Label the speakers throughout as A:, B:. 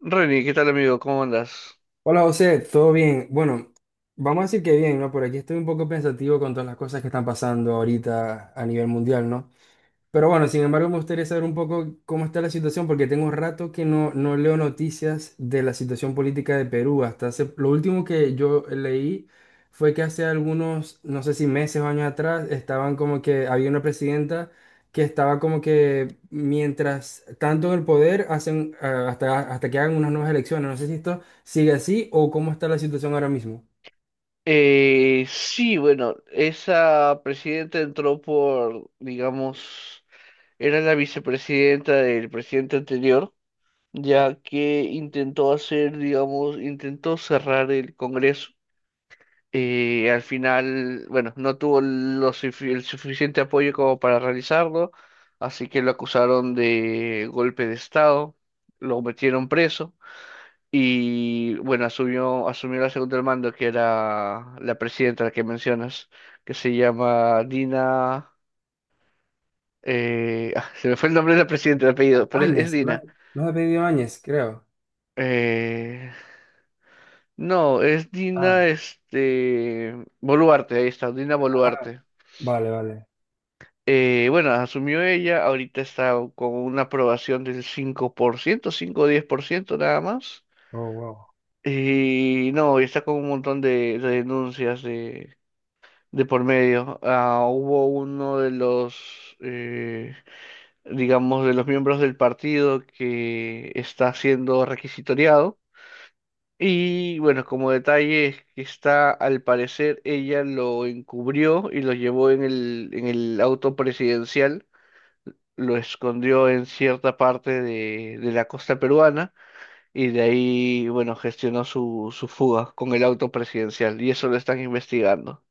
A: Reni, ¿qué tal amigo? ¿Cómo andas?
B: Hola José, ¿todo bien? Bueno, vamos a decir que bien, ¿no? Por aquí estoy un poco pensativo con todas las cosas que están pasando ahorita a nivel mundial, ¿no? Pero bueno, sin embargo, me gustaría saber un poco cómo está la situación, porque tengo un rato que no leo noticias de la situación política de Perú. Hasta hace, lo último que yo leí fue que hace algunos, no sé si meses o años atrás, estaban como que había una presidenta que estaba como que mientras tanto en el poder hacen hasta, hasta que hagan unas nuevas elecciones. No sé si esto sigue así o cómo está la situación ahora mismo.
A: Sí, bueno, esa presidenta entró por, digamos, era la vicepresidenta del presidente anterior, ya que intentó hacer, digamos, intentó cerrar el Congreso. Al final, bueno, no tuvo el suficiente apoyo como para realizarlo, así que lo acusaron de golpe de Estado, lo metieron preso. Y bueno, asumió la segunda al mando, que era la presidenta, la que mencionas, que se llama Dina. Se me fue el nombre de la presidenta, el apellido, pero es
B: Áñez, no,
A: Dina.
B: no ha pedido Áñez, creo.
A: Eh, no, es
B: Ah,
A: Dina este, Boluarte, ahí está, Dina
B: ah,
A: Boluarte.
B: vale, vale.
A: Bueno, asumió ella, ahorita está con una aprobación del 5%, 5 o 10% nada más.
B: Oh, wow.
A: Y no, y está con un montón de denuncias de por medio. Ah, hubo uno de los, digamos, de los miembros del partido que está siendo requisitoriado. Y bueno, como detalle es que está, al parecer, ella lo encubrió y lo llevó en en el auto presidencial, lo escondió en cierta parte de la costa peruana y de ahí, bueno, gestionó su fuga con el auto presidencial y eso lo están investigando.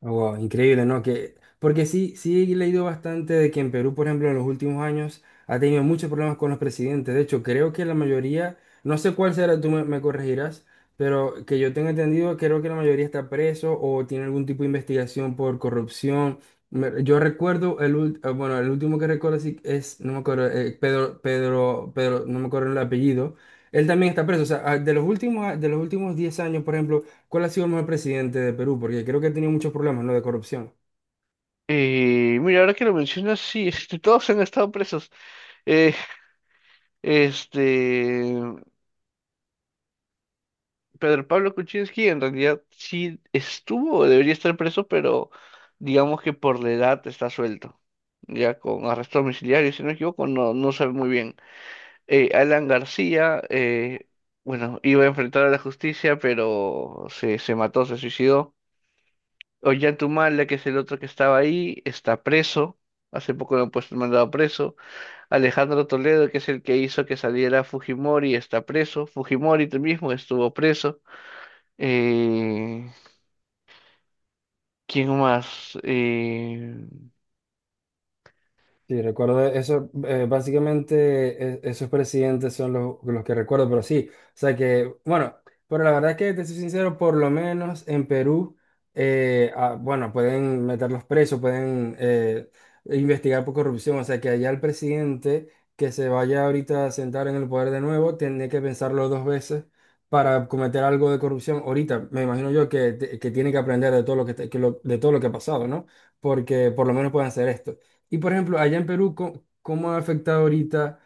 B: Wow, increíble, ¿no? Que, porque sí, sí he leído bastante de que en Perú, por ejemplo, en los últimos años ha tenido muchos problemas con los presidentes. De hecho, creo que la mayoría, no sé cuál será, tú me corregirás, pero que yo tenga entendido, creo que la mayoría está preso o tiene algún tipo de investigación por corrupción. Yo recuerdo, bueno, el último que recuerdo sí es, no me acuerdo, Pedro, Pedro, Pedro, no me acuerdo el apellido. Él también está preso. O sea, ah, de los últimos 10 años, por ejemplo. ¿Cuál ha sido el mejor presidente de Perú? Porque creo que ha tenido muchos problemas, ¿no? De corrupción.
A: Y mira, ahora que lo mencionas, sí, este, todos han estado presos. Eh, este, Pedro Pablo Kuczynski en realidad sí estuvo, o debería estar preso, pero digamos que por la edad está suelto. Ya con arresto domiciliario, si no me equivoco, no sabe muy bien. Alan García, bueno, iba a enfrentar a la justicia, pero se mató, se suicidó. Ollanta Humala, que es el otro que estaba ahí, está preso. Hace poco lo han puesto mandado preso. Alejandro Toledo, que es el que hizo que saliera Fujimori, está preso. Fujimori tú mismo estuvo preso. Eh, ¿Quién más?
B: Sí, recuerdo eso, básicamente esos presidentes son los que recuerdo, pero sí, o sea que, bueno, pero la verdad es que, te soy sincero, por lo menos en Perú, bueno, pueden meterlos presos, pueden investigar por corrupción, o sea que allá el presidente que se vaya ahorita a sentar en el poder de nuevo, tiene que pensarlo dos veces para cometer algo de corrupción. Ahorita, me imagino yo que tiene que aprender de todo lo que, de todo lo que ha pasado, ¿no? Porque por lo menos pueden hacer esto. Y por ejemplo, allá en Perú, ¿cómo ha afectado ahorita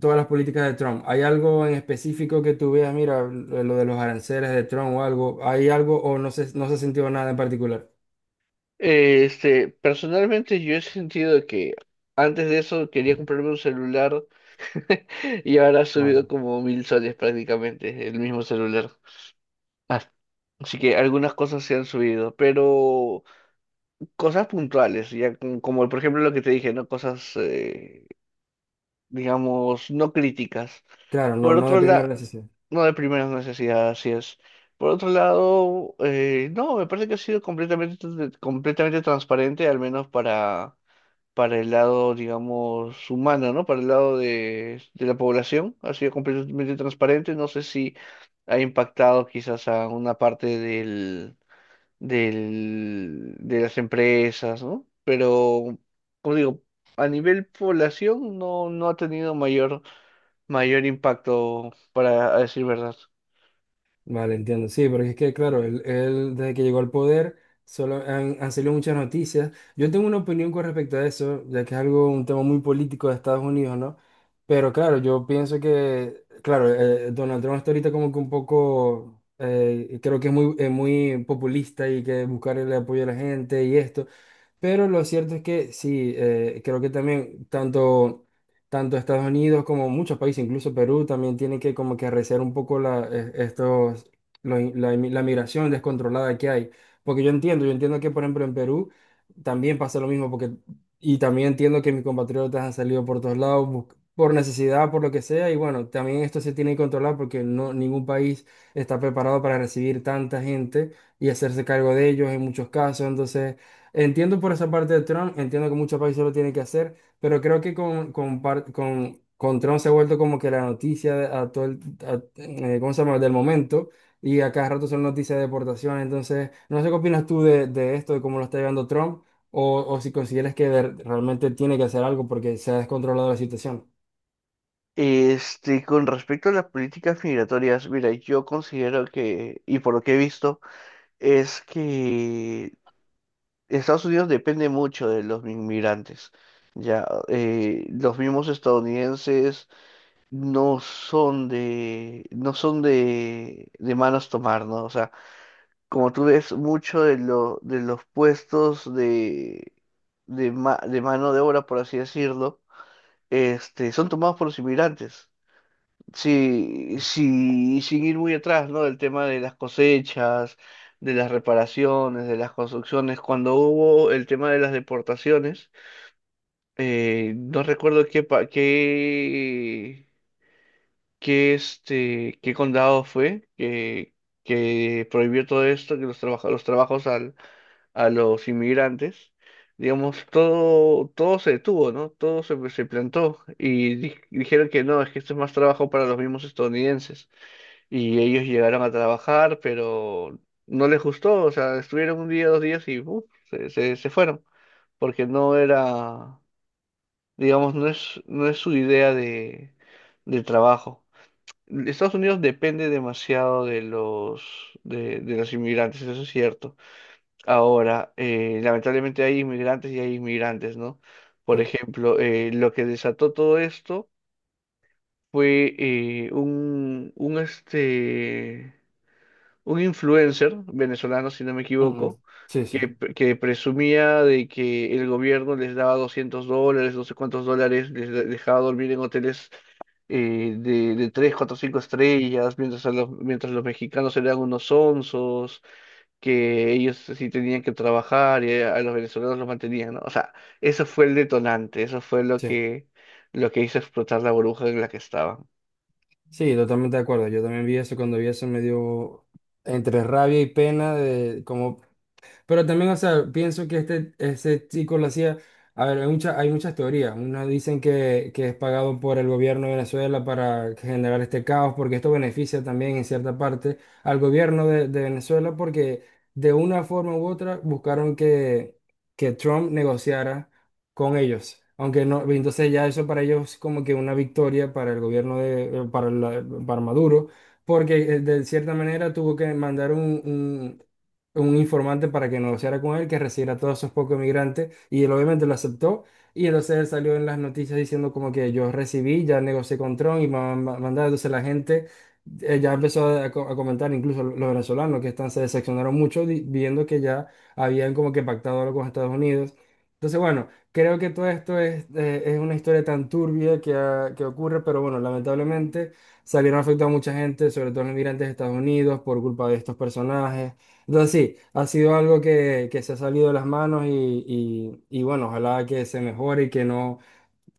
B: todas las políticas de Trump? ¿Hay algo en específico que tú veas, mira, lo de los aranceles de Trump o algo? ¿Hay algo o no se ha sentido nada en particular?
A: Este, personalmente yo he sentido que antes de eso quería comprarme un celular y ahora ha subido
B: Claro.
A: como 1000 soles prácticamente el mismo celular. Ah, Así que algunas cosas se han subido, pero cosas puntuales, ya como, como por ejemplo lo que te dije, ¿no? Cosas, digamos, no críticas.
B: Claro, no,
A: Por
B: no de
A: otro
B: primera
A: lado,
B: necesidad.
A: no de primeras necesidades, así es. Por otro lado, no, me parece que ha sido completamente transparente, al menos para el lado, digamos, humano, ¿no? Para el lado de la población, ha sido completamente transparente. No sé si ha impactado quizás a una parte del, de las empresas, ¿no? Pero, como digo, a nivel población no, no ha tenido mayor impacto, para decir verdad.
B: Vale, entiendo. Sí, porque es que, claro, él, desde que llegó al poder solo han, han salido muchas noticias. Yo tengo una opinión con respecto a eso, ya que es algo, un tema muy político de Estados Unidos, ¿no? Pero claro, yo pienso que, claro, Donald Trump está ahorita como que un poco, creo que es muy, muy populista y que buscar el apoyo de la gente y esto. Pero lo cierto es que sí, creo que también tanto, tanto Estados Unidos como muchos países, incluso Perú, también tienen que como que arreciar un poco la, estos, lo in- la, inmi- la migración descontrolada que hay. Porque yo entiendo que por ejemplo en Perú también pasa lo mismo, porque, y también entiendo que mis compatriotas han salido por todos lados por necesidad, por lo que sea, y bueno, también esto se tiene que controlar porque no, ningún país está preparado para recibir tanta gente y hacerse cargo de ellos en muchos casos, entonces... Entiendo por esa parte de Trump, entiendo que muchos países lo tienen que hacer, pero creo que con Trump se ha vuelto como que la noticia a todo ¿cómo se llama? Del momento y a cada rato son noticias de deportación. Entonces, no sé qué opinas tú de esto, de cómo lo está llevando Trump, o si consideras que realmente tiene que hacer algo porque se ha descontrolado la situación.
A: Este, con respecto a las políticas migratorias, mira, yo considero que, y por lo que he visto, es que Estados Unidos depende mucho de los inmigrantes. Ya, los mismos estadounidenses no son de manos tomar, ¿no? O sea, como tú ves, mucho de los puestos de mano de obra, por así decirlo, este, son tomados por los inmigrantes. Sí, sin ir muy atrás, ¿no? Del tema de las cosechas, de las reparaciones, de las construcciones. Cuando hubo el tema de las deportaciones, no recuerdo qué, pa- qué, qué, este, qué condado fue que prohibió todo esto, los trabajos a los inmigrantes, digamos, todo se detuvo, ¿no? Todo se plantó y dijeron que no, es que esto es más trabajo para los mismos estadounidenses. Y ellos llegaron a trabajar, pero no les gustó, o sea, estuvieron un día, dos días y ¡puf! Se fueron, porque digamos, no es su idea de trabajo. Estados Unidos depende demasiado de los inmigrantes, eso es cierto. Ahora, lamentablemente hay inmigrantes y hay inmigrantes, ¿no?
B: Sí.
A: Por ejemplo, lo que desató todo esto fue un influencer venezolano, si no me
B: Mm,
A: equivoco,
B: sí, sí,
A: que presumía de que el gobierno les daba $200, no sé cuántos dólares, dejaba dormir en hoteles de 3, 4, 5 estrellas, mientras mientras los mexicanos eran unos onzos que ellos sí tenían que trabajar y a los venezolanos los mantenían, ¿no? O sea, eso fue el detonante, eso fue
B: sí,
A: lo que hizo explotar la burbuja en la que estaban.
B: sí, totalmente de acuerdo. Yo también vi eso, cuando vi eso me dio entre rabia y pena de cómo. Pero también, o sea, pienso que este, ese chico lo hacía, a ver, hay hay muchas teorías. Unos dicen que es pagado por el gobierno de Venezuela para generar este caos, porque esto beneficia también en cierta parte al gobierno de Venezuela, porque de una forma u otra buscaron que Trump negociara con ellos. Aunque no, entonces ya eso para ellos es como que una victoria para el gobierno de, para, para Maduro, porque de cierta manera tuvo que mandar un- un informante para que negociara con él, que recibiera a todos esos pocos migrantes, y él obviamente lo aceptó, y entonces él salió en las noticias diciendo como que yo recibí, ya negocié con Trump y mandaba, entonces la gente ya empezó a, a comentar, incluso los venezolanos que están, se decepcionaron mucho viendo que ya habían como que pactado algo con Estados Unidos. Entonces, bueno, creo que todo esto es una historia tan turbia que, que ocurre, pero bueno, lamentablemente salieron afectados a mucha gente, sobre todo los migrantes de Estados Unidos, por culpa de estos personajes. Entonces sí, ha sido algo que se ha salido de las manos y, bueno, ojalá que se mejore y que no,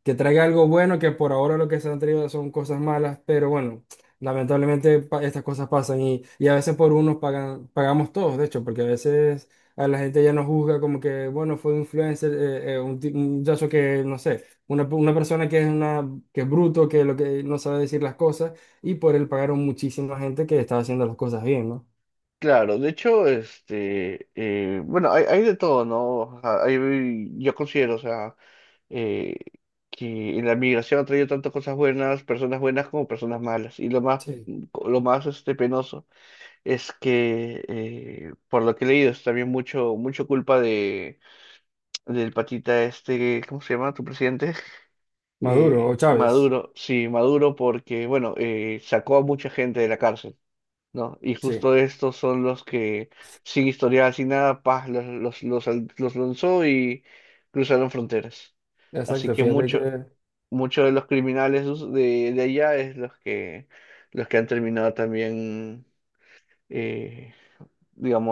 B: que traiga algo bueno, que por ahora lo que se han traído son cosas malas, pero bueno, lamentablemente estas cosas pasan y a veces por unos pagan, pagamos todos, de hecho, porque a veces a la gente ya nos juzga como que, bueno, fue un influencer, un, un muchacho que, no sé, una persona que es una, que es bruto, que lo que no sabe decir las cosas y por él pagaron muchísima gente que estaba haciendo las cosas bien, ¿no?
A: Claro, de hecho, este, bueno, hay de todo, ¿no? O sea, yo considero, o sea, eh, que en la migración ha traído tantas cosas buenas, personas buenas como personas malas. Y
B: Sí.
A: lo más, este, penoso es que, por lo que he leído, es también mucho culpa de del patita este. ¿Cómo se llama tu presidente? Eh,
B: Maduro o Chávez.
A: Maduro, sí, Maduro porque, bueno, sacó a mucha gente de la cárcel, ¿no? Y
B: Sí,
A: justo estos son los que, sin historial, sin nada, paz, los lanzó y cruzaron fronteras. Así
B: exacto.
A: que
B: Fíjate que en
A: muchos de los criminales de allá es los que han terminado también, eh,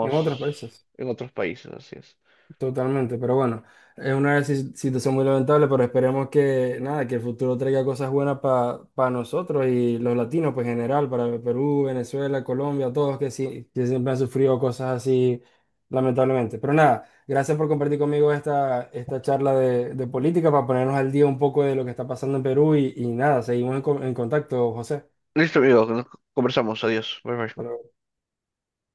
B: otros países,
A: en otros países, así es.
B: totalmente. Pero bueno, es una situación muy lamentable, pero esperemos que nada, que el futuro traiga cosas buenas para nosotros y los latinos, pues en general, para Perú, Venezuela, Colombia, todos que sí, que siempre han sufrido cosas así, lamentablemente. Pero nada, gracias por compartir conmigo esta, esta charla de política para ponernos al día un poco de lo que está pasando en Perú y nada, seguimos en, en contacto, José.
A: Listo, amigo, nos conversamos, adiós, bye bye.
B: Bueno,